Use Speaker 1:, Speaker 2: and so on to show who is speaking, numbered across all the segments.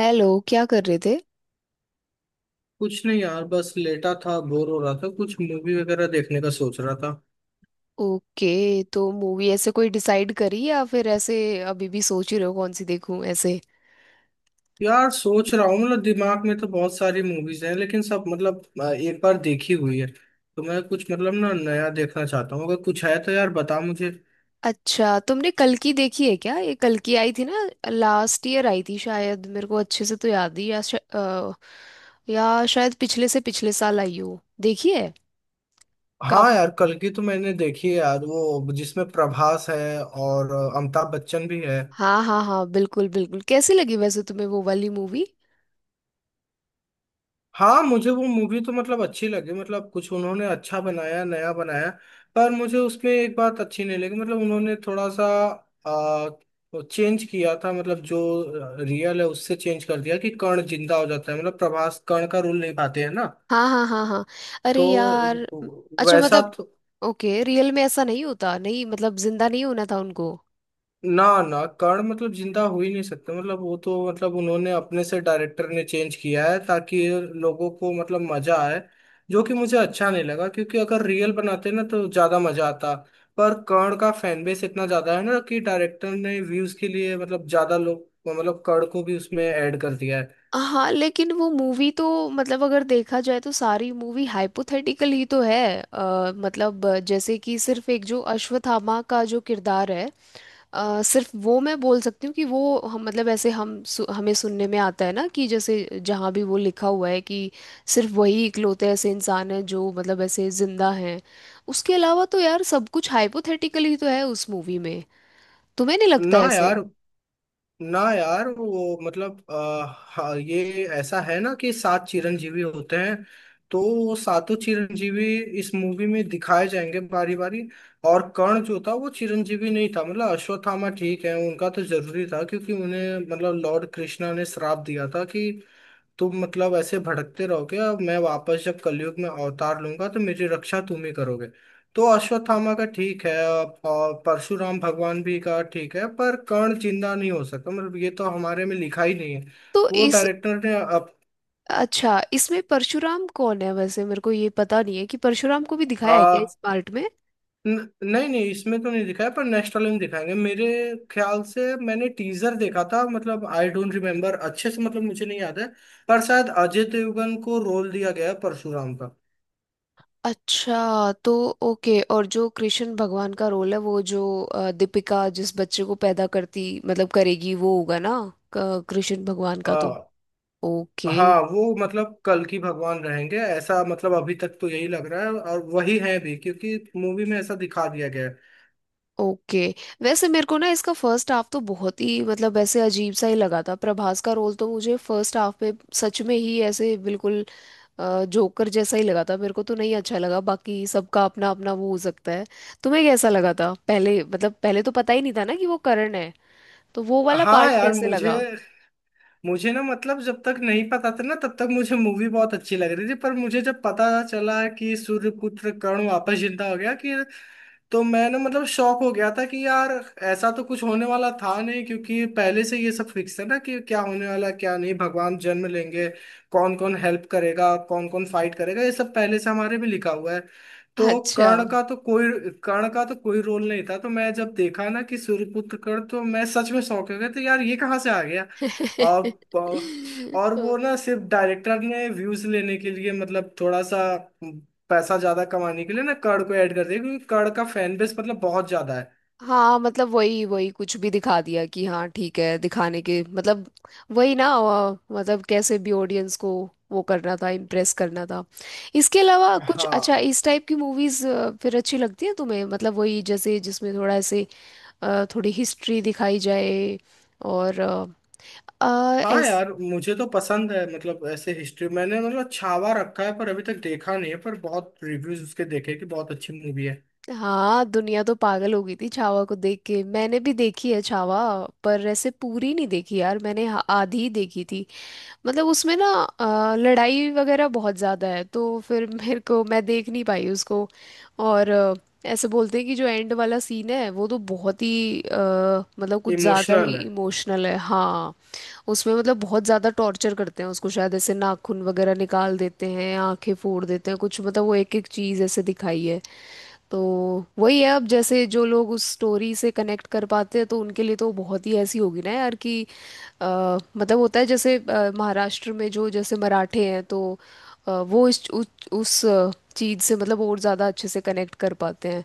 Speaker 1: Hello, क्या कर रहे थे।
Speaker 2: कुछ नहीं यार, बस लेटा था, बोर हो रहा था, कुछ मूवी वगैरह देखने का सोच रहा था।
Speaker 1: ओके, तो मूवी ऐसे कोई डिसाइड करी या फिर ऐसे अभी भी सोच ही रहे हो कौन सी देखूं ऐसे।
Speaker 2: यार सोच रहा हूँ, मतलब दिमाग में तो बहुत सारी मूवीज हैं, लेकिन सब मतलब एक बार देखी हुई है, तो मैं कुछ मतलब ना नया देखना चाहता हूँ। अगर कुछ है तो यार बता मुझे।
Speaker 1: अच्छा, तुमने कल की देखी है क्या? ये कल की आई थी ना। लास्ट ईयर आई थी शायद, मेरे को अच्छे से तो याद ही या शायद पिछले से पिछले साल आई हो, देखी है। काफ
Speaker 2: हाँ यार, कल की तो मैंने देखी है यार, वो जिसमें प्रभास है और अमिताभ बच्चन भी है।
Speaker 1: हाँ, हाँ, हाँ, बिल्कुल बिल्कुल कैसी लगी वैसे तुम्हें वो वाली मूवी?
Speaker 2: हाँ मुझे वो मूवी तो मतलब अच्छी लगी, मतलब कुछ उन्होंने अच्छा बनाया, नया बनाया। पर मुझे उसमें एक बात अच्छी नहीं लगी, मतलब उन्होंने थोड़ा सा आ, चेंज किया था। मतलब जो रियल है उससे चेंज कर दिया कि कर्ण जिंदा हो जाता है। मतलब प्रभास कर्ण का रोल निभाते हैं ना,
Speaker 1: हाँ, हाँ, हाँ, हाँ। अरे यार।
Speaker 2: तो
Speaker 1: अच्छा,
Speaker 2: वैसा
Speaker 1: मतलब।
Speaker 2: तो।
Speaker 1: ओके, रियल में ऐसा नहीं होता, नहीं मतलब जिंदा नहीं होना था उनको।
Speaker 2: ना ना, कर्ण मतलब जिंदा हो ही नहीं सकते। मतलब वो तो, मतलब उन्होंने अपने से, डायरेक्टर ने चेंज किया है ताकि लोगों को मतलब मजा आए। जो कि मुझे अच्छा नहीं लगा, क्योंकि अगर रियल बनाते ना तो ज्यादा मजा आता। पर कर्ण का फैन बेस इतना ज्यादा है ना, कि डायरेक्टर ने व्यूज के लिए, मतलब ज्यादा लोग, मतलब कर्ण को भी उसमें ऐड कर दिया है।
Speaker 1: हाँ, लेकिन वो मूवी तो मतलब अगर देखा जाए तो सारी मूवी हाइपोथेटिकल ही तो है। मतलब जैसे कि सिर्फ एक जो अश्वत्थामा का जो किरदार है। सिर्फ वो मैं बोल सकती हूँ कि वो हम मतलब ऐसे हमें सुनने में आता है ना कि जैसे जहाँ भी वो लिखा हुआ है कि सिर्फ वही इकलौते ऐसे इंसान हैं जो मतलब ऐसे जिंदा हैं। उसके अलावा तो यार सब कुछ हाइपोथेटिकल ही तो है उस मूवी में। तुम्हें नहीं लगता
Speaker 2: ना
Speaker 1: ऐसे?
Speaker 2: यार, ना यार, वो मतलब हाँ, ये ऐसा है ना कि सात चिरंजीवी होते हैं। तो वो सातों चिरंजीवी इस मूवी में दिखाए जाएंगे बारी बारी। और कर्ण जो था वो चिरंजीवी नहीं था। मतलब अश्वत्थामा ठीक है, उनका तो जरूरी था, क्योंकि उन्हें मतलब लॉर्ड कृष्णा ने श्राप दिया था कि तुम मतलब ऐसे भटकते रहोगे, और मैं वापस जब कलयुग में अवतार लूंगा तो मेरी रक्षा तुम ही करोगे। तो अश्वत्थामा का ठीक है, और परशुराम भगवान भी का ठीक है, पर कर्ण जिंदा नहीं हो सकता। मतलब ये तो हमारे में लिखा ही नहीं है।
Speaker 1: तो
Speaker 2: वो
Speaker 1: इस।
Speaker 2: डायरेक्टर ने अब
Speaker 1: अच्छा, इसमें परशुराम कौन है वैसे? मेरे को ये पता नहीं है कि परशुराम को भी दिखाया
Speaker 2: आ,
Speaker 1: है क्या इस पार्ट में।
Speaker 2: न, नहीं नहीं, इसमें तो नहीं दिखाया, पर नेक्स्ट वाले में दिखाएंगे मेरे ख्याल से। मैंने टीजर देखा था, मतलब आई डोंट रिमेम्बर अच्छे से, मतलब मुझे नहीं याद है। पर शायद अजय देवगन को रोल दिया गया है परशुराम
Speaker 1: अच्छा, तो। ओके, और जो कृष्ण भगवान का रोल है वो जो दीपिका जिस बच्चे को पैदा करती मतलब करेगी वो होगा ना। कृष्ण भगवान का
Speaker 2: का।
Speaker 1: तो। ओके।
Speaker 2: हाँ, वो मतलब कल की भगवान रहेंगे ऐसा, मतलब अभी तक तो यही लग रहा है, और वही है भी, क्योंकि मूवी में ऐसा दिखा दिया गया है।
Speaker 1: ओके। वैसे मेरे को ना इसका फर्स्ट हाफ तो बहुत ही मतलब ऐसे अजीब सा ही लगा था। प्रभास का रोल तो मुझे फर्स्ट हाफ में सच में ही ऐसे बिल्कुल जोकर जैसा ही लगा था, मेरे को तो नहीं अच्छा लगा। बाकी सबका अपना अपना वो हो सकता है। तुम्हें कैसा लगा था? पहले मतलब पहले तो पता ही नहीं था ना कि वो करण है। तो वो वाला
Speaker 2: हाँ
Speaker 1: पार्ट
Speaker 2: यार।
Speaker 1: कैसे
Speaker 2: मुझे
Speaker 1: लगा?
Speaker 2: मुझे ना, मतलब जब तक नहीं पता था ना, तब तक मुझे मूवी बहुत अच्छी लग रही थी, पर मुझे जब पता चला कि सूर्यपुत्र कर्ण वापस जिंदा हो गया, कि तो मैं ना, मतलब शॉक हो गया था कि यार, ऐसा तो कुछ होने वाला था नहीं। क्योंकि पहले से ये सब फिक्स है ना, कि क्या होने वाला क्या नहीं, भगवान जन्म लेंगे, कौन कौन हेल्प करेगा, कौन कौन फाइट करेगा, ये सब पहले से हमारे भी लिखा हुआ है। तो
Speaker 1: अच्छा।
Speaker 2: कर्ण का तो कोई रोल नहीं था। तो मैं जब देखा ना कि सूर्यपुत्र कर्ण, तो मैं सच में शौक हो गया तो यार, ये कहाँ से आ गया। और और वो ना, सिर्फ डायरेक्टर ने व्यूज लेने के लिए, मतलब थोड़ा सा पैसा ज्यादा कमाने के लिए ना, कर्ण को ऐड कर दिया, क्योंकि कर्ण का फैन बेस मतलब बहुत ज्यादा है।
Speaker 1: हाँ, मतलब वही वही कुछ भी दिखा दिया कि हाँ ठीक है दिखाने के मतलब। वही ना, मतलब कैसे भी ऑडियंस को। वो करना था, इम्प्रेस करना था। इसके अलावा कुछ अच्छा
Speaker 2: हाँ।
Speaker 1: इस टाइप की मूवीज फिर अच्छी लगती है तुम्हें? मतलब वही जैसे जिसमें थोड़ा ऐसे। थोड़ी हिस्ट्री दिखाई जाए। और अ, अ,
Speaker 2: हाँ
Speaker 1: ऐस
Speaker 2: यार मुझे तो पसंद है, मतलब ऐसे हिस्ट्री। मैंने मतलब छावा रखा है, पर अभी तक देखा नहीं है, पर बहुत रिव्यूज उसके देखे कि बहुत अच्छी मूवी है।
Speaker 1: हाँ, दुनिया तो पागल हो गई थी छावा को देख के। मैंने भी देखी है छावा। पर ऐसे पूरी नहीं देखी यार मैंने, आधी ही देखी थी। मतलब उसमें ना लड़ाई वगैरह बहुत ज़्यादा है तो फिर मेरे को मैं देख नहीं पाई उसको। और ऐसे बोलते हैं कि जो एंड वाला सीन है वो तो बहुत ही मतलब कुछ ज़्यादा
Speaker 2: इमोशनल
Speaker 1: ही
Speaker 2: है
Speaker 1: इमोशनल है, हाँ। उसमें मतलब बहुत ज़्यादा टॉर्चर करते हैं उसको, शायद ऐसे नाखून वगैरह निकाल देते हैं, आंखें फोड़ देते हैं, कुछ मतलब वो एक एक चीज़ ऐसे दिखाई है। तो वही है अब, जैसे जो लोग उस स्टोरी से कनेक्ट कर पाते हैं तो उनके लिए तो बहुत ही ऐसी होगी ना यार कि। अ, मतलब होता है जैसे महाराष्ट्र में जो जैसे मराठे हैं तो। वो उस चीज़ से मतलब और ज़्यादा अच्छे से कनेक्ट कर पाते हैं।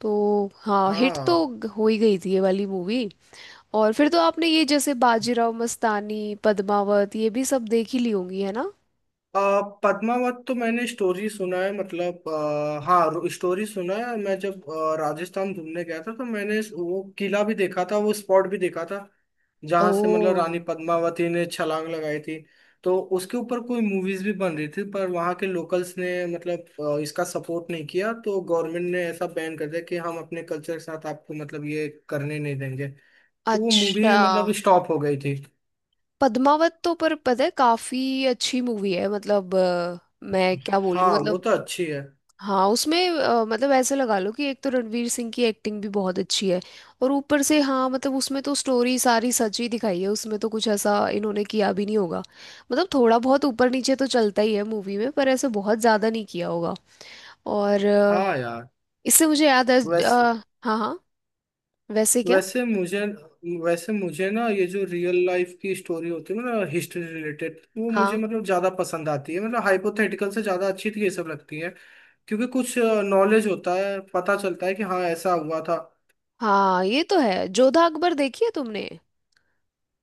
Speaker 1: तो हाँ, हिट तो
Speaker 2: हाँ।
Speaker 1: हो ही गई थी ये वाली मूवी। और फिर तो आपने ये जैसे बाजीराव मस्तानी, पद्मावत ये भी सब देख ही ली होंगी, है ना?
Speaker 2: पद्मावत तो मैंने स्टोरी सुना है। मतलब हाँ, स्टोरी सुना है। मैं जब राजस्थान घूमने गया था, तो मैंने वो किला भी देखा था, वो स्पॉट भी देखा था
Speaker 1: ओ,
Speaker 2: जहाँ से मतलब रानी पद्मावती ने छलांग लगाई थी। तो उसके ऊपर कोई मूवीज भी बन रही थी, पर वहाँ के लोकल्स ने मतलब इसका सपोर्ट नहीं किया, तो गवर्नमेंट ने ऐसा बैन कर दिया कि हम अपने कल्चर के साथ आपको मतलब ये करने नहीं देंगे। तो वो
Speaker 1: अच्छा।
Speaker 2: मूवी मतलब स्टॉप हो गई थी।
Speaker 1: पद्मावत तो पर पता है, काफ़ी अच्छी मूवी है, मतलब मैं क्या
Speaker 2: हाँ
Speaker 1: बोलूँ।
Speaker 2: वो तो अच्छी है।
Speaker 1: हाँ, उसमें मतलब ऐसे लगा लो कि एक तो रणवीर सिंह की एक्टिंग भी बहुत अच्छी है। और ऊपर से हाँ, मतलब उसमें तो स्टोरी सारी सच ही दिखाई है, उसमें तो कुछ ऐसा इन्होंने किया भी नहीं होगा। मतलब थोड़ा बहुत ऊपर नीचे तो चलता ही है मूवी में, पर ऐसे बहुत ज़्यादा नहीं किया होगा। और
Speaker 2: हाँ यार।
Speaker 1: इससे मुझे याद है।
Speaker 2: वैसे
Speaker 1: अ, हाँ, हाँ। वैसे क्या?
Speaker 2: वैसे मुझे वैसे मुझे ना, ये जो रियल लाइफ की स्टोरी होती है ना, हिस्ट्री रिलेटेड, वो मुझे
Speaker 1: हाँ,
Speaker 2: मतलब ज्यादा पसंद आती है। मतलब हाइपोथेटिकल से ज्यादा अच्छी तो ये सब लगती है, क्योंकि कुछ नॉलेज होता है, पता चलता है कि हाँ ऐसा हुआ था।
Speaker 1: हाँ, ये तो है। जोधा अकबर देखी है तुमने?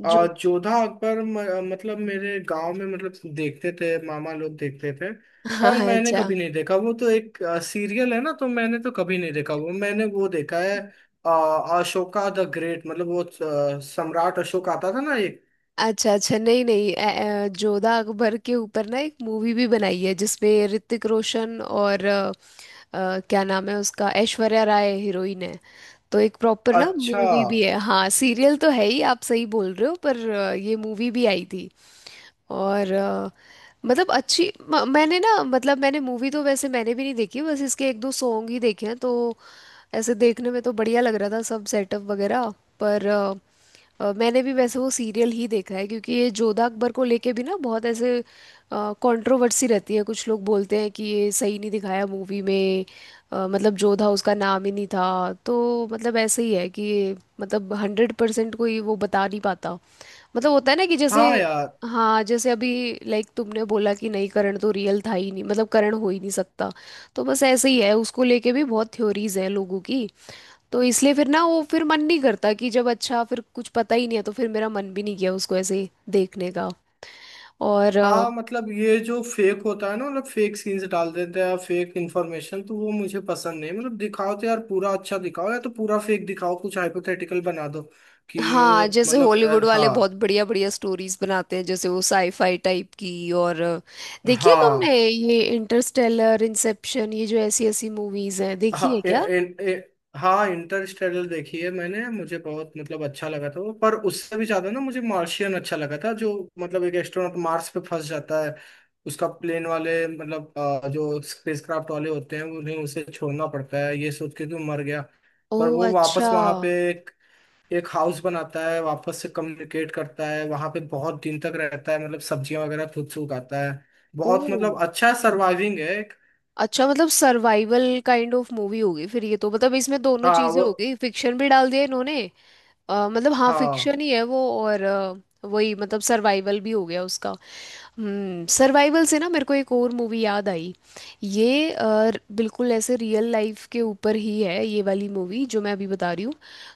Speaker 1: जो
Speaker 2: और जोधा अकबर, मतलब मेरे गांव में, मतलब देखते थे, मामा लोग देखते थे। पर
Speaker 1: हाँ,
Speaker 2: मैंने
Speaker 1: अच्छा,
Speaker 2: कभी नहीं देखा, वो तो एक सीरियल है ना, तो मैंने तो कभी नहीं देखा। वो मैंने वो देखा है, अ, अशोका द ग्रेट, मतलब वो सम्राट अशोक आता था ना।
Speaker 1: अच्छा, अच्छा, नहीं, नहीं, जोधा अकबर के ऊपर ना एक मूवी भी बनाई है जिसमें ऋतिक रोशन और क्या नाम है उसका, ऐश्वर्या राय हीरोइन है। तो एक प्रॉपर ना
Speaker 2: अच्छा।
Speaker 1: मूवी भी है, हाँ सीरियल तो है ही, आप सही बोल रहे हो, पर ये मूवी भी आई थी। और मतलब अच्छी मैंने ना मतलब मैंने मूवी तो वैसे मैंने भी नहीं देखी, बस इसके एक दो सॉन्ग ही देखे हैं तो। ऐसे देखने में तो बढ़िया लग रहा था सब सेटअप वगैरह। पर मैंने भी वैसे वो सीरियल ही देखा है क्योंकि ये जोधा अकबर को लेके भी ना बहुत ऐसे कंट्रोवर्सी रहती है, कुछ लोग बोलते हैं कि ये सही नहीं दिखाया मूवी में। मतलब जोधा उसका नाम ही नहीं था। तो मतलब ऐसे ही है कि ये मतलब 100% कोई वो बता नहीं पाता। मतलब होता है ना कि जैसे।
Speaker 2: हाँ यार।
Speaker 1: हाँ, जैसे अभी। लाइक तुमने बोला कि नहीं, करण तो रियल था ही नहीं, मतलब करण हो ही नहीं सकता। तो बस ऐसे ही है, उसको लेके भी बहुत थ्योरीज हैं लोगों की। तो इसलिए फिर ना वो फिर मन नहीं करता कि जब अच्छा फिर कुछ पता ही नहीं है तो फिर मेरा मन भी नहीं किया उसको ऐसे ही देखने का। और
Speaker 2: हाँ मतलब ये जो फेक होता है ना, मतलब फेक सीन्स डाल देते हैं, फेक इन्फॉर्मेशन, तो वो मुझे पसंद नहीं। मतलब दिखाओ तो यार पूरा अच्छा दिखाओ, या तो पूरा फेक दिखाओ, कुछ हाइपोथेटिकल बना दो कि।
Speaker 1: हाँ, जैसे
Speaker 2: मतलब
Speaker 1: हॉलीवुड वाले बहुत
Speaker 2: हाँ
Speaker 1: बढ़िया बढ़िया स्टोरीज बनाते हैं, जैसे वो साईफाई टाइप की। और देखी है तुमने
Speaker 2: हाँ
Speaker 1: ये इंटरस्टेलर, इंसेप्शन ये जो ऐसी ऐसी मूवीज हैं, देखी है
Speaker 2: हाँ,
Speaker 1: क्या?
Speaker 2: इन, इ- हाँ, इंटरस्टेलर देखी है मैंने, मुझे बहुत मतलब अच्छा लगा था वो। पर उससे भी ज्यादा ना मुझे मार्शियन अच्छा लगा था, जो मतलब एक एस्ट्रोनॉट मार्स पे फंस जाता है। उसका प्लेन वाले, मतलब जो स्पेसक्राफ्ट वाले होते हैं, उन्हें उसे छोड़ना पड़ता है ये सोच के कि वो मर गया।
Speaker 1: ओ,
Speaker 2: पर वो वापस
Speaker 1: अच्छा।
Speaker 2: वहां पे एक एक हाउस बनाता है, वापस से कम्युनिकेट करता है, वहां पे बहुत दिन तक रहता है, मतलब सब्जियां वगैरह खुद से उगाता है।
Speaker 1: ओ,
Speaker 2: बहुत मतलब अच्छा सर्वाइविंग है एक।
Speaker 1: अच्छा, मतलब सर्वाइवल काइंड ऑफ मूवी होगी फिर ये तो। मतलब इसमें दोनों
Speaker 2: हाँ
Speaker 1: चीजें
Speaker 2: वो।
Speaker 1: हो गई, फिक्शन भी डाल दिया इन्होंने। मतलब हाँ,
Speaker 2: हाँ
Speaker 1: फिक्शन ही है वो और वही मतलब सर्वाइवल भी हो गया उसका। सर्वाइवल से ना मेरे को एक और मूवी याद आई। ये बिल्कुल ऐसे रियल लाइफ के ऊपर ही है ये वाली मूवी जो मैं अभी बता रही हूँ।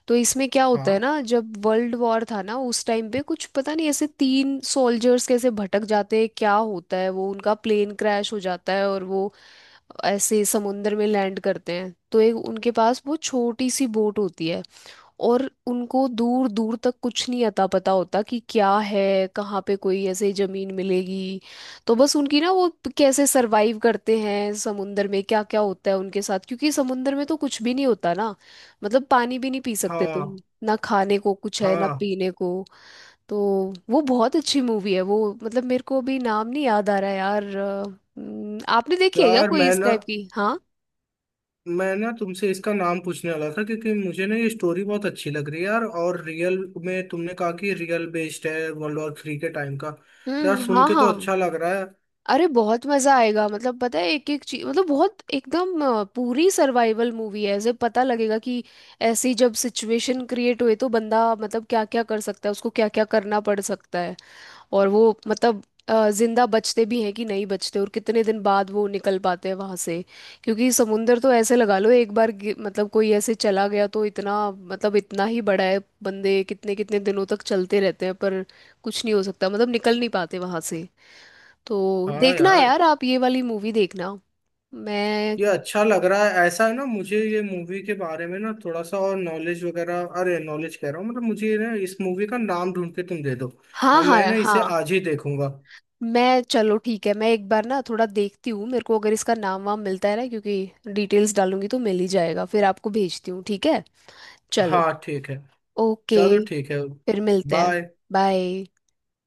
Speaker 1: तो इसमें क्या होता है
Speaker 2: हाँ
Speaker 1: ना, जब वर्ल्ड वॉर था ना उस टाइम पे, कुछ पता नहीं ऐसे तीन सोल्जर्स कैसे भटक जाते हैं, क्या होता है वो उनका प्लेन क्रैश हो जाता है और वो ऐसे समुंदर में लैंड करते हैं। तो एक उनके पास वो छोटी सी बोट होती है, और उनको दूर दूर तक कुछ नहीं अता पता होता कि क्या है, कहाँ पे कोई ऐसे जमीन मिलेगी। तो बस उनकी ना वो, कैसे सरवाइव करते हैं समुंदर में, क्या क्या होता है उनके साथ, क्योंकि समुंदर में तो कुछ भी नहीं होता ना। मतलब पानी भी नहीं पी सकते तुम,
Speaker 2: हाँ।
Speaker 1: ना खाने को कुछ है ना
Speaker 2: हाँ
Speaker 1: पीने को। तो वो बहुत अच्छी मूवी है वो। मतलब मेरे को अभी नाम नहीं याद आ रहा यार, आपने देखी है क्या
Speaker 2: यार,
Speaker 1: कोई
Speaker 2: मैं
Speaker 1: इस
Speaker 2: ना
Speaker 1: टाइप की? हाँ।
Speaker 2: मैं ना तुमसे इसका नाम पूछने वाला था, क्योंकि मुझे ना ये स्टोरी बहुत अच्छी लग रही है यार, और रियल में तुमने कहा कि रियल बेस्ड है, वर्ल्ड वॉर थ्री के टाइम का, तो यार
Speaker 1: हम्म,
Speaker 2: सुन
Speaker 1: हाँ,
Speaker 2: के तो
Speaker 1: हाँ।
Speaker 2: अच्छा लग रहा है।
Speaker 1: अरे, बहुत मजा आएगा, मतलब पता है एक एक चीज मतलब बहुत एकदम पूरी सर्वाइवल मूवी है जब पता लगेगा कि ऐसी जब सिचुएशन क्रिएट हुए तो बंदा मतलब क्या क्या कर सकता है, उसको क्या क्या करना पड़ सकता है। और वो मतलब जिंदा बचते भी हैं कि नहीं बचते, और कितने दिन बाद वो निकल पाते हैं वहां से। क्योंकि समुंदर तो ऐसे लगा लो, एक बार मतलब कोई ऐसे चला गया तो इतना मतलब इतना ही बड़ा है, बंदे कितने कितने दिनों तक चलते रहते हैं पर कुछ नहीं हो सकता, मतलब निकल नहीं पाते वहां से। तो
Speaker 2: हाँ
Speaker 1: देखना
Speaker 2: यार।
Speaker 1: यार आप ये वाली मूवी देखना। मैं
Speaker 2: ये अच्छा लग रहा है ऐसा है ना। मुझे ये मूवी के बारे में ना थोड़ा सा और नॉलेज वगैरह, अरे नॉलेज कह रहा हूँ, मतलब मुझे ना इस मूवी का नाम ढूंढ के तुम दे दो,
Speaker 1: हाँ,
Speaker 2: और
Speaker 1: हाँ,
Speaker 2: मैं ना
Speaker 1: हाँ,
Speaker 2: इसे आज ही देखूंगा।
Speaker 1: मैं चलो ठीक है, मैं एक बार ना थोड़ा देखती हूँ, मेरे को अगर इसका नाम वाम मिलता है ना क्योंकि डिटेल्स डालूंगी तो मिल ही जाएगा, फिर आपको भेजती हूँ ठीक है। चलो,
Speaker 2: हाँ ठीक है।
Speaker 1: ओके,
Speaker 2: चलो ठीक है।
Speaker 1: फिर मिलते हैं,
Speaker 2: बाय।
Speaker 1: बाय।